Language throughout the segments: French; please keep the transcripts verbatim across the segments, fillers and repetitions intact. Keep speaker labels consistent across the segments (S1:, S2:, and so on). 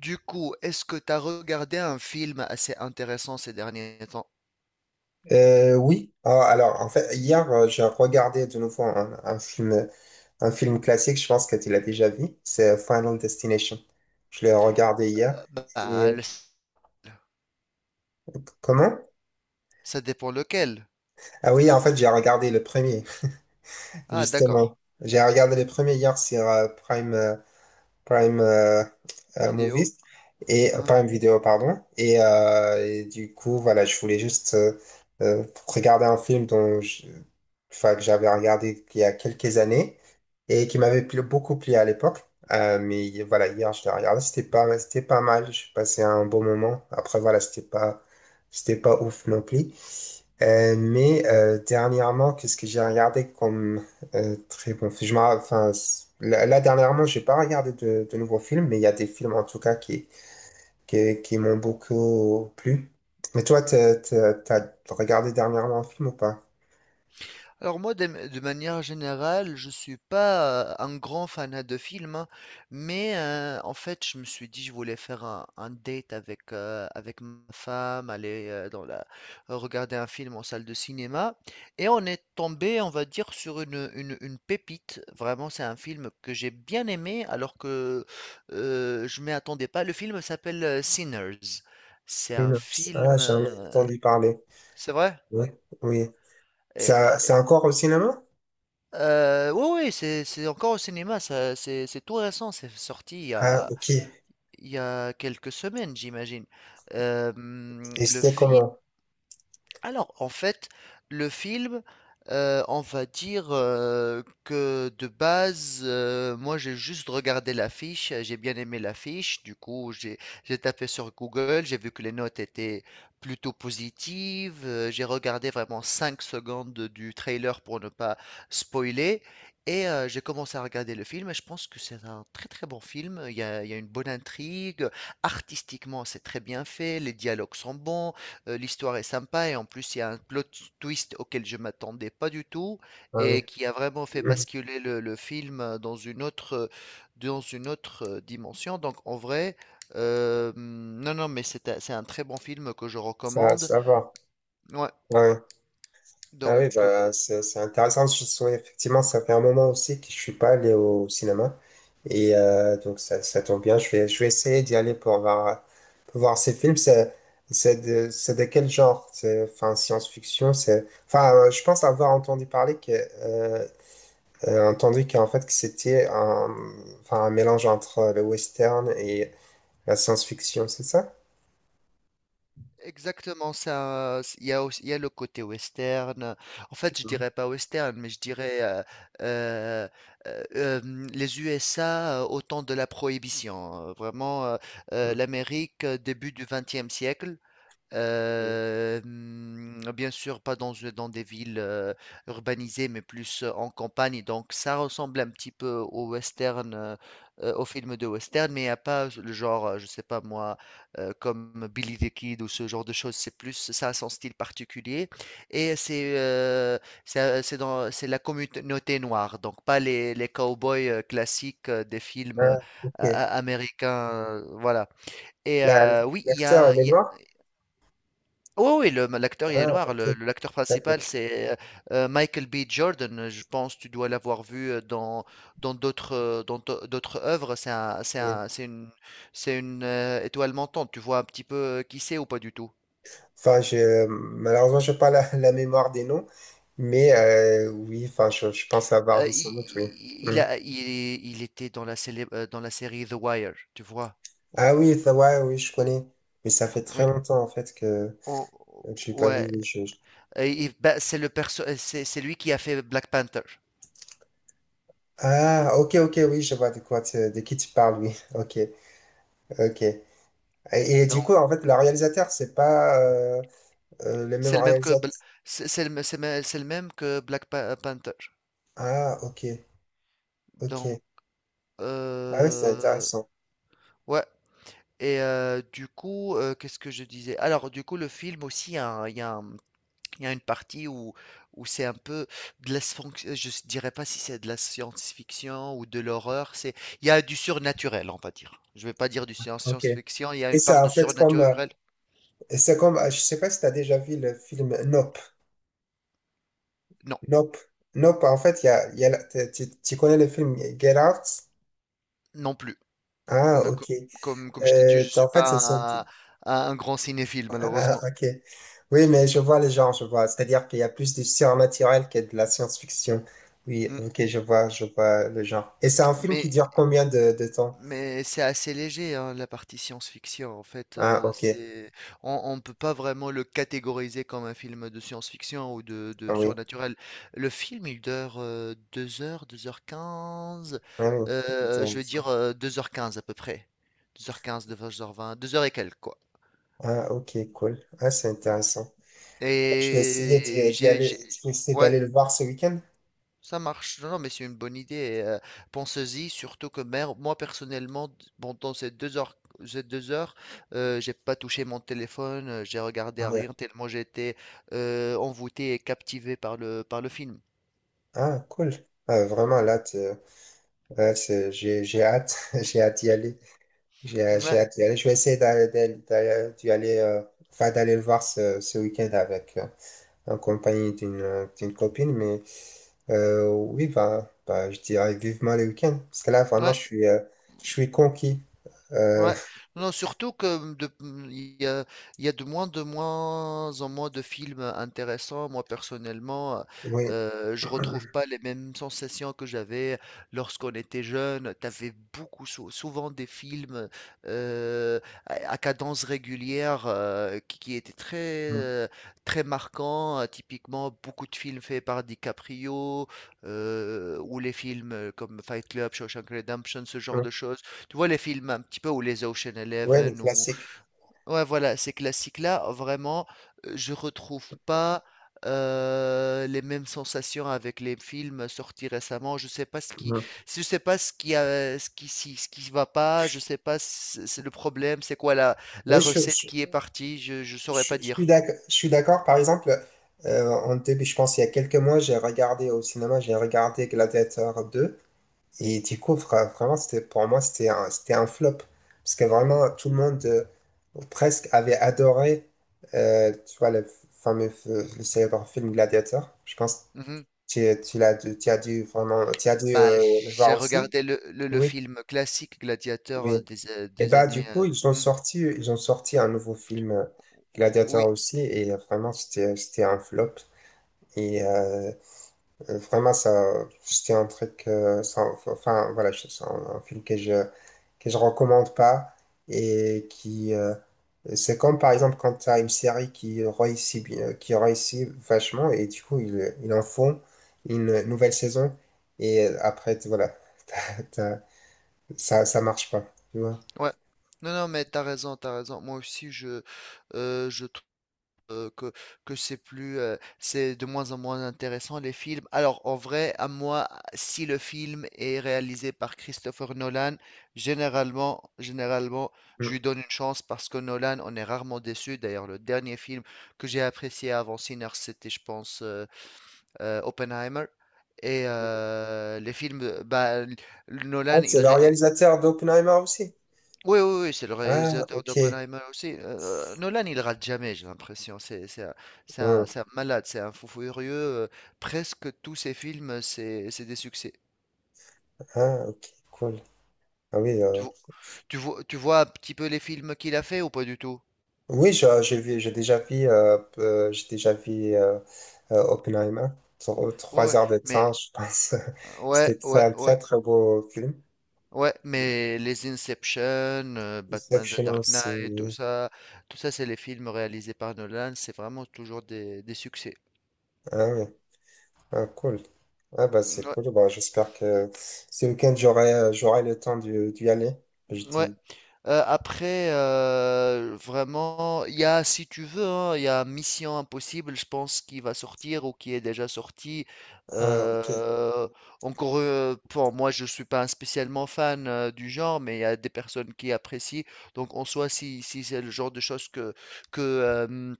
S1: Du coup, est-ce que tu as regardé un film assez intéressant ces derniers temps?
S2: Euh, oui. Ah, alors en fait hier, euh, j'ai regardé de nouveau un, un film un film classique, je pense que tu l'as déjà vu, c'est Final Destination. Je l'ai regardé hier.
S1: Euh, Bah,
S2: Et
S1: le-
S2: comment?
S1: Ça dépend lequel.
S2: Ah oui, en fait j'ai regardé le premier,
S1: Ah, d'accord.
S2: justement. J'ai regardé le premier hier sur euh, Prime euh, Prime euh, euh,
S1: Vidéo.
S2: Movies et euh,
S1: Hein.
S2: Prime Video, pardon. Et, euh, et du coup, voilà, je voulais juste euh, euh, regarder un film dont je- enfin, que j'avais regardé il y a quelques années et qui m'avait plu- beaucoup plu à l'époque. Euh, mais voilà, hier, je l'ai regardé, c'était pas, c'était pas mal. J'ai passé un bon moment. Après, voilà, c'était pas, c'était pas ouf non plus. Euh, mais euh, dernièrement, qu'est-ce que j'ai regardé comme euh, très bon film. Je m'en- enfin, c- là, là, dernièrement, j'ai pas regardé de, de nouveaux films, mais il y a des films en tout cas qui, qui, qui m'ont beaucoup plu. Mais toi, t'as, t'as- t'as regardé dernièrement un film ou pas?
S1: Alors moi, de, de manière générale, je suis pas euh, un grand fanat de films, hein, mais euh, en fait, je me suis dit, je voulais faire un, un date avec, euh, avec ma femme, aller euh, dans la, regarder un film en salle de cinéma, et on est tombé, on va dire, sur une, une, une pépite. Vraiment, c'est un film que j'ai bien aimé, alors que euh, je m'y attendais pas. Le film s'appelle euh, Sinners. C'est un
S2: Synopsis. Ah,
S1: film,
S2: j'en ai
S1: euh,
S2: entendu parler.
S1: c'est vrai?
S2: Oui, oui. Ça, c'est encore au cinéma?
S1: Euh, oui, ouais, c'est, c'est encore au cinéma, ça, c'est, c'est tout récent, c'est sorti il y
S2: Ah,
S1: a,
S2: ok.
S1: il y a quelques semaines, j'imagine. Euh, hum,
S2: Et
S1: le
S2: c'était
S1: film,
S2: comment?
S1: alors, en fait, le film, euh, on va dire euh, que de base, euh, moi j'ai juste regardé l'affiche, euh, j'ai bien aimé l'affiche, du coup j'ai j'ai tapé sur Google, j'ai vu que les notes étaient plutôt positives, euh, j'ai regardé vraiment cinq secondes du trailer pour ne pas spoiler, et euh, j'ai commencé à regarder le film, et je pense que c'est un très très bon film, il y a, il y a une bonne intrigue, artistiquement c'est très bien fait, les dialogues sont bons. Euh, l'histoire est sympa et en plus il y a un plot twist auquel je m'attendais pas du tout
S2: Ah, oui.
S1: et qui a vraiment fait
S2: Mhm.
S1: basculer le, le film euh, dans une autre, euh, dans une autre euh, dimension. Donc en vrai, euh, hmm, non, non, mais c'est un, c'est un très bon film que je
S2: Ça,
S1: recommande.
S2: ça va.
S1: Ouais,
S2: Ouais. Ah oui,
S1: donc
S2: bah, c'est c'est intéressant. Je souhaite- effectivement, ça fait un moment aussi que je suis pas allé au cinéma. Et euh, donc, ça, ça tombe bien. Je vais, je vais essayer d'y aller pour voir, pour voir ces films. C'est c'est de, c'est de quel genre? C'est, enfin, science-fiction, c'est... Enfin, euh, je pense avoir entendu parler que... Euh, euh, entendu qu'en fait, que c'était un, enfin, un mélange entre le western et la science-fiction, c'est ça?
S1: exactement ça. c- Il y a aussi, il y a le côté western. En fait, je
S2: Mhm.
S1: dirais pas western, mais je dirais euh, euh, euh, euh, mm, les U S A euh, au temps de la Prohibition. Euh, Vraiment, euh, euh, l'Amérique euh, début du XXe siècle.
S2: Mhm.
S1: Heu, mmh, bien sûr, pas dans euh, dans des villes, heu, urbanisées, mais plus, heu, en campagne, donc ça ressemble un petit peu au western, heu heu, aux films de western, mais il y a pas le genre, heu, je sais pas moi, heu, comme Billy the Kid ou ce genre de choses. C'est plus ça a son style particulier et c'est, heu, ça c'est dans c'est la communauté noire, donc pas les les cowboys boys classiques, heu, des films, heu,
S2: Ah,
S1: a
S2: ok.
S1: a américains, heu, voilà. Et
S2: La- la-
S1: heu, oui, il y a
S2: L'acteur, il est
S1: il y a
S2: noir?
S1: oui, oui, le l'acteur, il est
S2: Ah,
S1: noir.
S2: ok.
S1: Le le L'acteur principal,
S2: D'accord.
S1: c'est, heu heu, Michael B. Jordan. Je pense que tu dois l'avoir vu, heu, dans dans d'autres, heu, dans d'au d'autres œuvres. C'est un c'est
S2: Oui.
S1: un c'est une c'est une, heu, étoile montante. Tu vois un petit peu, heu, qui c'est ou pas du tout?
S2: Enfin, je, malheureusement, je n'ai pas la, la mémoire des noms, mais euh, oui, enfin, je, je pense avoir
S1: Heu,
S2: vu
S1: i
S2: sans doute, oui.
S1: i il
S2: Mm.
S1: a il il était dans la célèbre, heu, dans la série The Wire, tu vois?
S2: Ah oui, ça, ouais, oui, je connais. Mais ça fait très
S1: Oui.
S2: longtemps, en fait, que,
S1: O
S2: que je n'ai pas vu.
S1: Ouais.
S2: Oui, je- je-
S1: Et il bah, c'est le perso heu, c'est c'est lui qui a fait Black Panther.
S2: Ah, ok, ok, oui, je vois de quoi tu- de qui tu parles, oui. Ok, ok. Et, et du
S1: Donc
S2: coup, en fait, le réalisateur, c'est pas euh, euh, le même
S1: c'est le même que
S2: réalisateur.
S1: bl c'est c'est le mê c'est mê c'est le même que Black Pa Panther.
S2: Ah, ok, ok.
S1: Donc,
S2: Ah oui, c'est
S1: euh,
S2: intéressant.
S1: ouais. Et euh, du coup, euh, qu'est-ce que je disais? Alors, du coup, le film aussi, il y a, il y a un- il y a une partie où, où c'est un peu de la, sphonx- je s- dirais pas si c'est de la science-fiction ou de l'horreur. C'est, il y a du surnaturel, on va dire. Je vais pas dire du science-
S2: Ok.
S1: science-fiction. Il y a
S2: Et
S1: une part
S2: ça, en
S1: de
S2: fait, comme, euh,
S1: surnaturel.
S2: c'est comme, je sais pas si tu as déjà vu le film, non.
S1: Non,
S2: Nope. Nope, en fait, il y a, il y a la- t'es- tu tu connais le film Get Out?
S1: non plus.
S2: Ah,
S1: Mais
S2: ok.
S1: co- Comme, comme je t'ai dit,
S2: Euh,
S1: je suis
S2: en fait, ce sont...
S1: pas un, un grand cinéphile,
S2: Ah,
S1: malheureusement.
S2: ok. Oui, mais je vois les genres, je vois. C'est-à-dire qu'il y a plus du surnaturel que de la science-fiction. Oui,
S1: Mm.
S2: ok, je vois, je vois le genre. Et c'est un film qui
S1: Mais
S2: dure combien de, de temps?
S1: Mais c'est assez léger, hein, la partie science-fiction. En fait,
S2: Ah,
S1: euh,
S2: ok.
S1: c'est on, on peut pas vraiment le catégoriser comme un film de science-fiction ou de,
S2: Ah
S1: de
S2: oui.
S1: surnaturel. Le film, il dure euh, deux heures, deux heures quinze.
S2: Ah oui.
S1: Euh, je
S2: Disons
S1: veux
S2: ça.
S1: dire euh, deux heures quinze à peu près. Deux heures quinze, deux heures vingt, deux heures et quelques, quoi.
S2: Ah, ok, cool. Ah, c'est
S1: Mm.
S2: intéressant. Je vais essayer
S1: Et
S2: d'y d'y
S1: j'ai,
S2: aller,
S1: j'ai-
S2: d'essayer
S1: ouais,
S2: d'aller le voir ce week-end.
S1: ça marche. Non, non, mais c'est une bonne idée. Et, euh, pensez-y, surtout que mer- moi, personnellement, d- pendant ces deux heures, ces deux heures, euh, j'ai pas touché mon téléphone, euh, j'ai regardé
S2: Ah,
S1: à
S2: ouais.
S1: rien tellement j'étais euh, envoûté et captivé par le, par le film.
S2: Ah, cool. Ah, vraiment, là, tu- ouais, c'est- j'ai j'ai hâte, j'ai hâte d'y aller. J'ai j'ai
S1: Ouais,
S2: hâte d'y aller. Je vais essayer d'aller d'aller- d'aller- d'y aller, euh, enfin, d'aller le voir ce, ce week-end avec, euh, en compagnie d'une euh, d'une copine. Mais euh, oui, bah, bah, je dirais vivement le week-end. Parce que là, vraiment,
S1: ouais.
S2: je suis, euh, je suis conquis. Euh,
S1: Ouais, non, surtout que de- mmh, il y a, il y a de moins, de moins en moins de films intéressants. Moi, personnellement,
S2: oui.
S1: euh, je retrouve pas les mêmes sensations que j'avais lorsqu'on était jeune. T'avais beaucoup, sou- souvent des films euh, à, à cadence régulière euh, qui, qui étaient très,
S2: Mm,
S1: euh, très marquants. Euh, Typiquement, beaucoup de films faits par DiCaprio euh, ou les films euh, comme Fight Club, Shawshank Redemption, ce genre
S2: mm.
S1: de choses, tu vois les films un petit peu, ou les Ocean
S2: Ouais, le
S1: Eleven ou
S2: classique.
S1: ouais, voilà, ces classiques-là vraiment, euh, je retrouve pas euh, les mêmes sensations avec les films sortis récemment. Je sais pas ce qui,
S2: Mm.
S1: je sais pas ce qui a ce qui si- ce qui va pas, je sais pas, c- c'est le problème, c'est quoi la
S2: Oui,
S1: la
S2: je,
S1: recette
S2: je-
S1: qui est partie, je je saurais
S2: Je,
S1: pas
S2: je suis
S1: dire.
S2: d'ac- je suis d'accord. Par exemple, euh, en début, je pense il y a quelques mois, j'ai regardé au cinéma, j'ai regardé Gladiator deux. Et du coup, vra- vraiment, c'était, pour moi, c'était un, c'était un flop. Parce que
S1: Mm,
S2: vraiment, tout le monde euh, presque avait adoré, euh, tu vois, le fameux, f- le célèbre film Gladiator. Je pense que
S1: mhm.
S2: tu, tu l'as, dû- tu as dû vraiment, tu as dû
S1: Bah,
S2: euh, le
S1: j'ai
S2: voir aussi.
S1: regardé le, le- le
S2: Oui,
S1: film classique Gladiateur
S2: oui.
S1: des, euh,
S2: Et
S1: des
S2: bah
S1: années.
S2: du coup
S1: Euh,
S2: ils ont
S1: hmm.
S2: sorti ils ont sorti un nouveau film euh, Gladiator
S1: Oui,
S2: aussi et euh, vraiment c'était c'était un flop et euh, euh, vraiment ça c'était un truc euh, sans- enfin voilà je- c'est un, un film que je que je recommande pas et qui euh, c'est comme par exemple quand tu as une série qui réussit bien qui réussit vachement et du coup ils ils en font une nouvelle saison et euh, après t- voilà t'as- t'as- ça ça marche pas tu vois.
S1: ouais. Non, non, mais t'as raison, t'as raison. Moi aussi, je, euh, je trouve euh, que, que c'est plus, euh, c'est de moins en moins intéressant les films. Alors, en vrai, à moi, si le film est réalisé par Christopher Nolan, généralement, généralement, je lui donne une chance parce que Nolan, on est rarement déçu. D'ailleurs, le dernier film que j'ai apprécié avant Sinners, c'était, je pense, euh, euh, Oppenheimer. Et euh, les films, bah,
S2: Ah,
S1: Nolan, il,
S2: c'est le
S1: ré-
S2: réalisateur d'Oppenheimer aussi.
S1: oui, oui, oui, c'est le
S2: Ah,
S1: réalisateur
S2: ok.
S1: d'Oppenheimer aussi. Euh, Nolan, il rate jamais, j'ai l'impression. C'est c'est un, c'est un-
S2: Hum.
S1: c'est un malade, c'est un fou furieux. Euh, presque tous ses films, c'est c'est des succès.
S2: Ah, ok, cool. Ah oui,
S1: Tu,
S2: euh,
S1: vo- Tu vois, tu vois un petit peu les films qu'il a fait ou pas du tout?
S2: oui, je- j'ai vu, j'ai déjà vu, euh, euh, j'ai déjà vu euh, euh, Oppenheimer. Tro-
S1: Ouais,
S2: Trois
S1: ouais,
S2: heures de temps,
S1: mais
S2: je pense.
S1: ouais,
S2: C'était très-
S1: ouais,
S2: un très
S1: ouais,
S2: très beau film.
S1: ouais, mais les Inception, euh, Batman The
S2: Inception
S1: Dark
S2: aussi.
S1: Knight, tout
S2: Oui.
S1: ça, tout ça, c'est les films réalisés par Nolan. C'est vraiment toujours des, des succès.
S2: Ah oui, ah, cool. Ah bah c'est
S1: Ouais.
S2: cool. Bah, j'espère que ce week-end j'aurai euh, j'aurai le temps d'y d'y aller. Je
S1: Ouais.
S2: dis.
S1: Euh, après, euh, vraiment, il y a, si tu veux, hein, il y a Mission Impossible, je pense, qui va sortir ou qui est déjà sorti.
S2: Ah ok.
S1: Euh, encore, euh, bon, moi, je suis pas un spécialement fan euh, du genre, mais il y a des personnes qui apprécient. Donc, en soi, si, si c'est le genre de choses que, que, euh,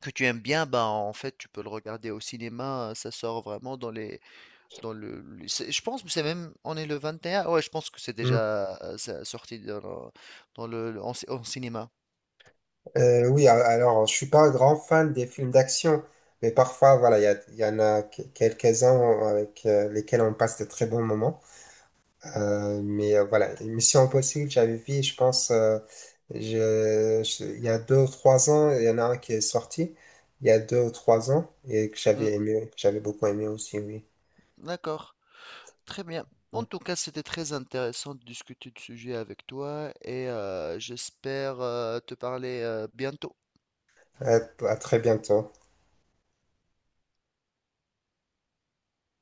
S1: que tu aimes bien, ben, en fait, tu peux le regarder au cinéma. Hein, ça sort vraiment dans les, dans le, le- c'est- je pense que c'est même, on est le vingt et un, ouais, je pense que c'est
S2: Hum.
S1: déjà euh, ça- sorti dans le, dans le- le- en, cin- en cinéma.
S2: Euh, oui, a- alors je suis pas un grand fan des films d'action, mais parfois voilà, il y, a- il y en a que- quelques-uns avec euh, lesquels on passe de très bons moments. Euh, mais euh, voilà, Mission Impossible, j'avais vu, je pense, euh, je- je- il y a deux ou trois ans, il y en a un qui est sorti il y a deux ou trois ans et que
S1: Hmm,
S2: j'avais aimé, que j'avais beaucoup aimé aussi, oui.
S1: d'accord, très bien. En tout cas, c'était très intéressant de discuter de ce sujet avec toi et euh, j'espère euh, te parler euh, bientôt.
S2: À, à très bientôt.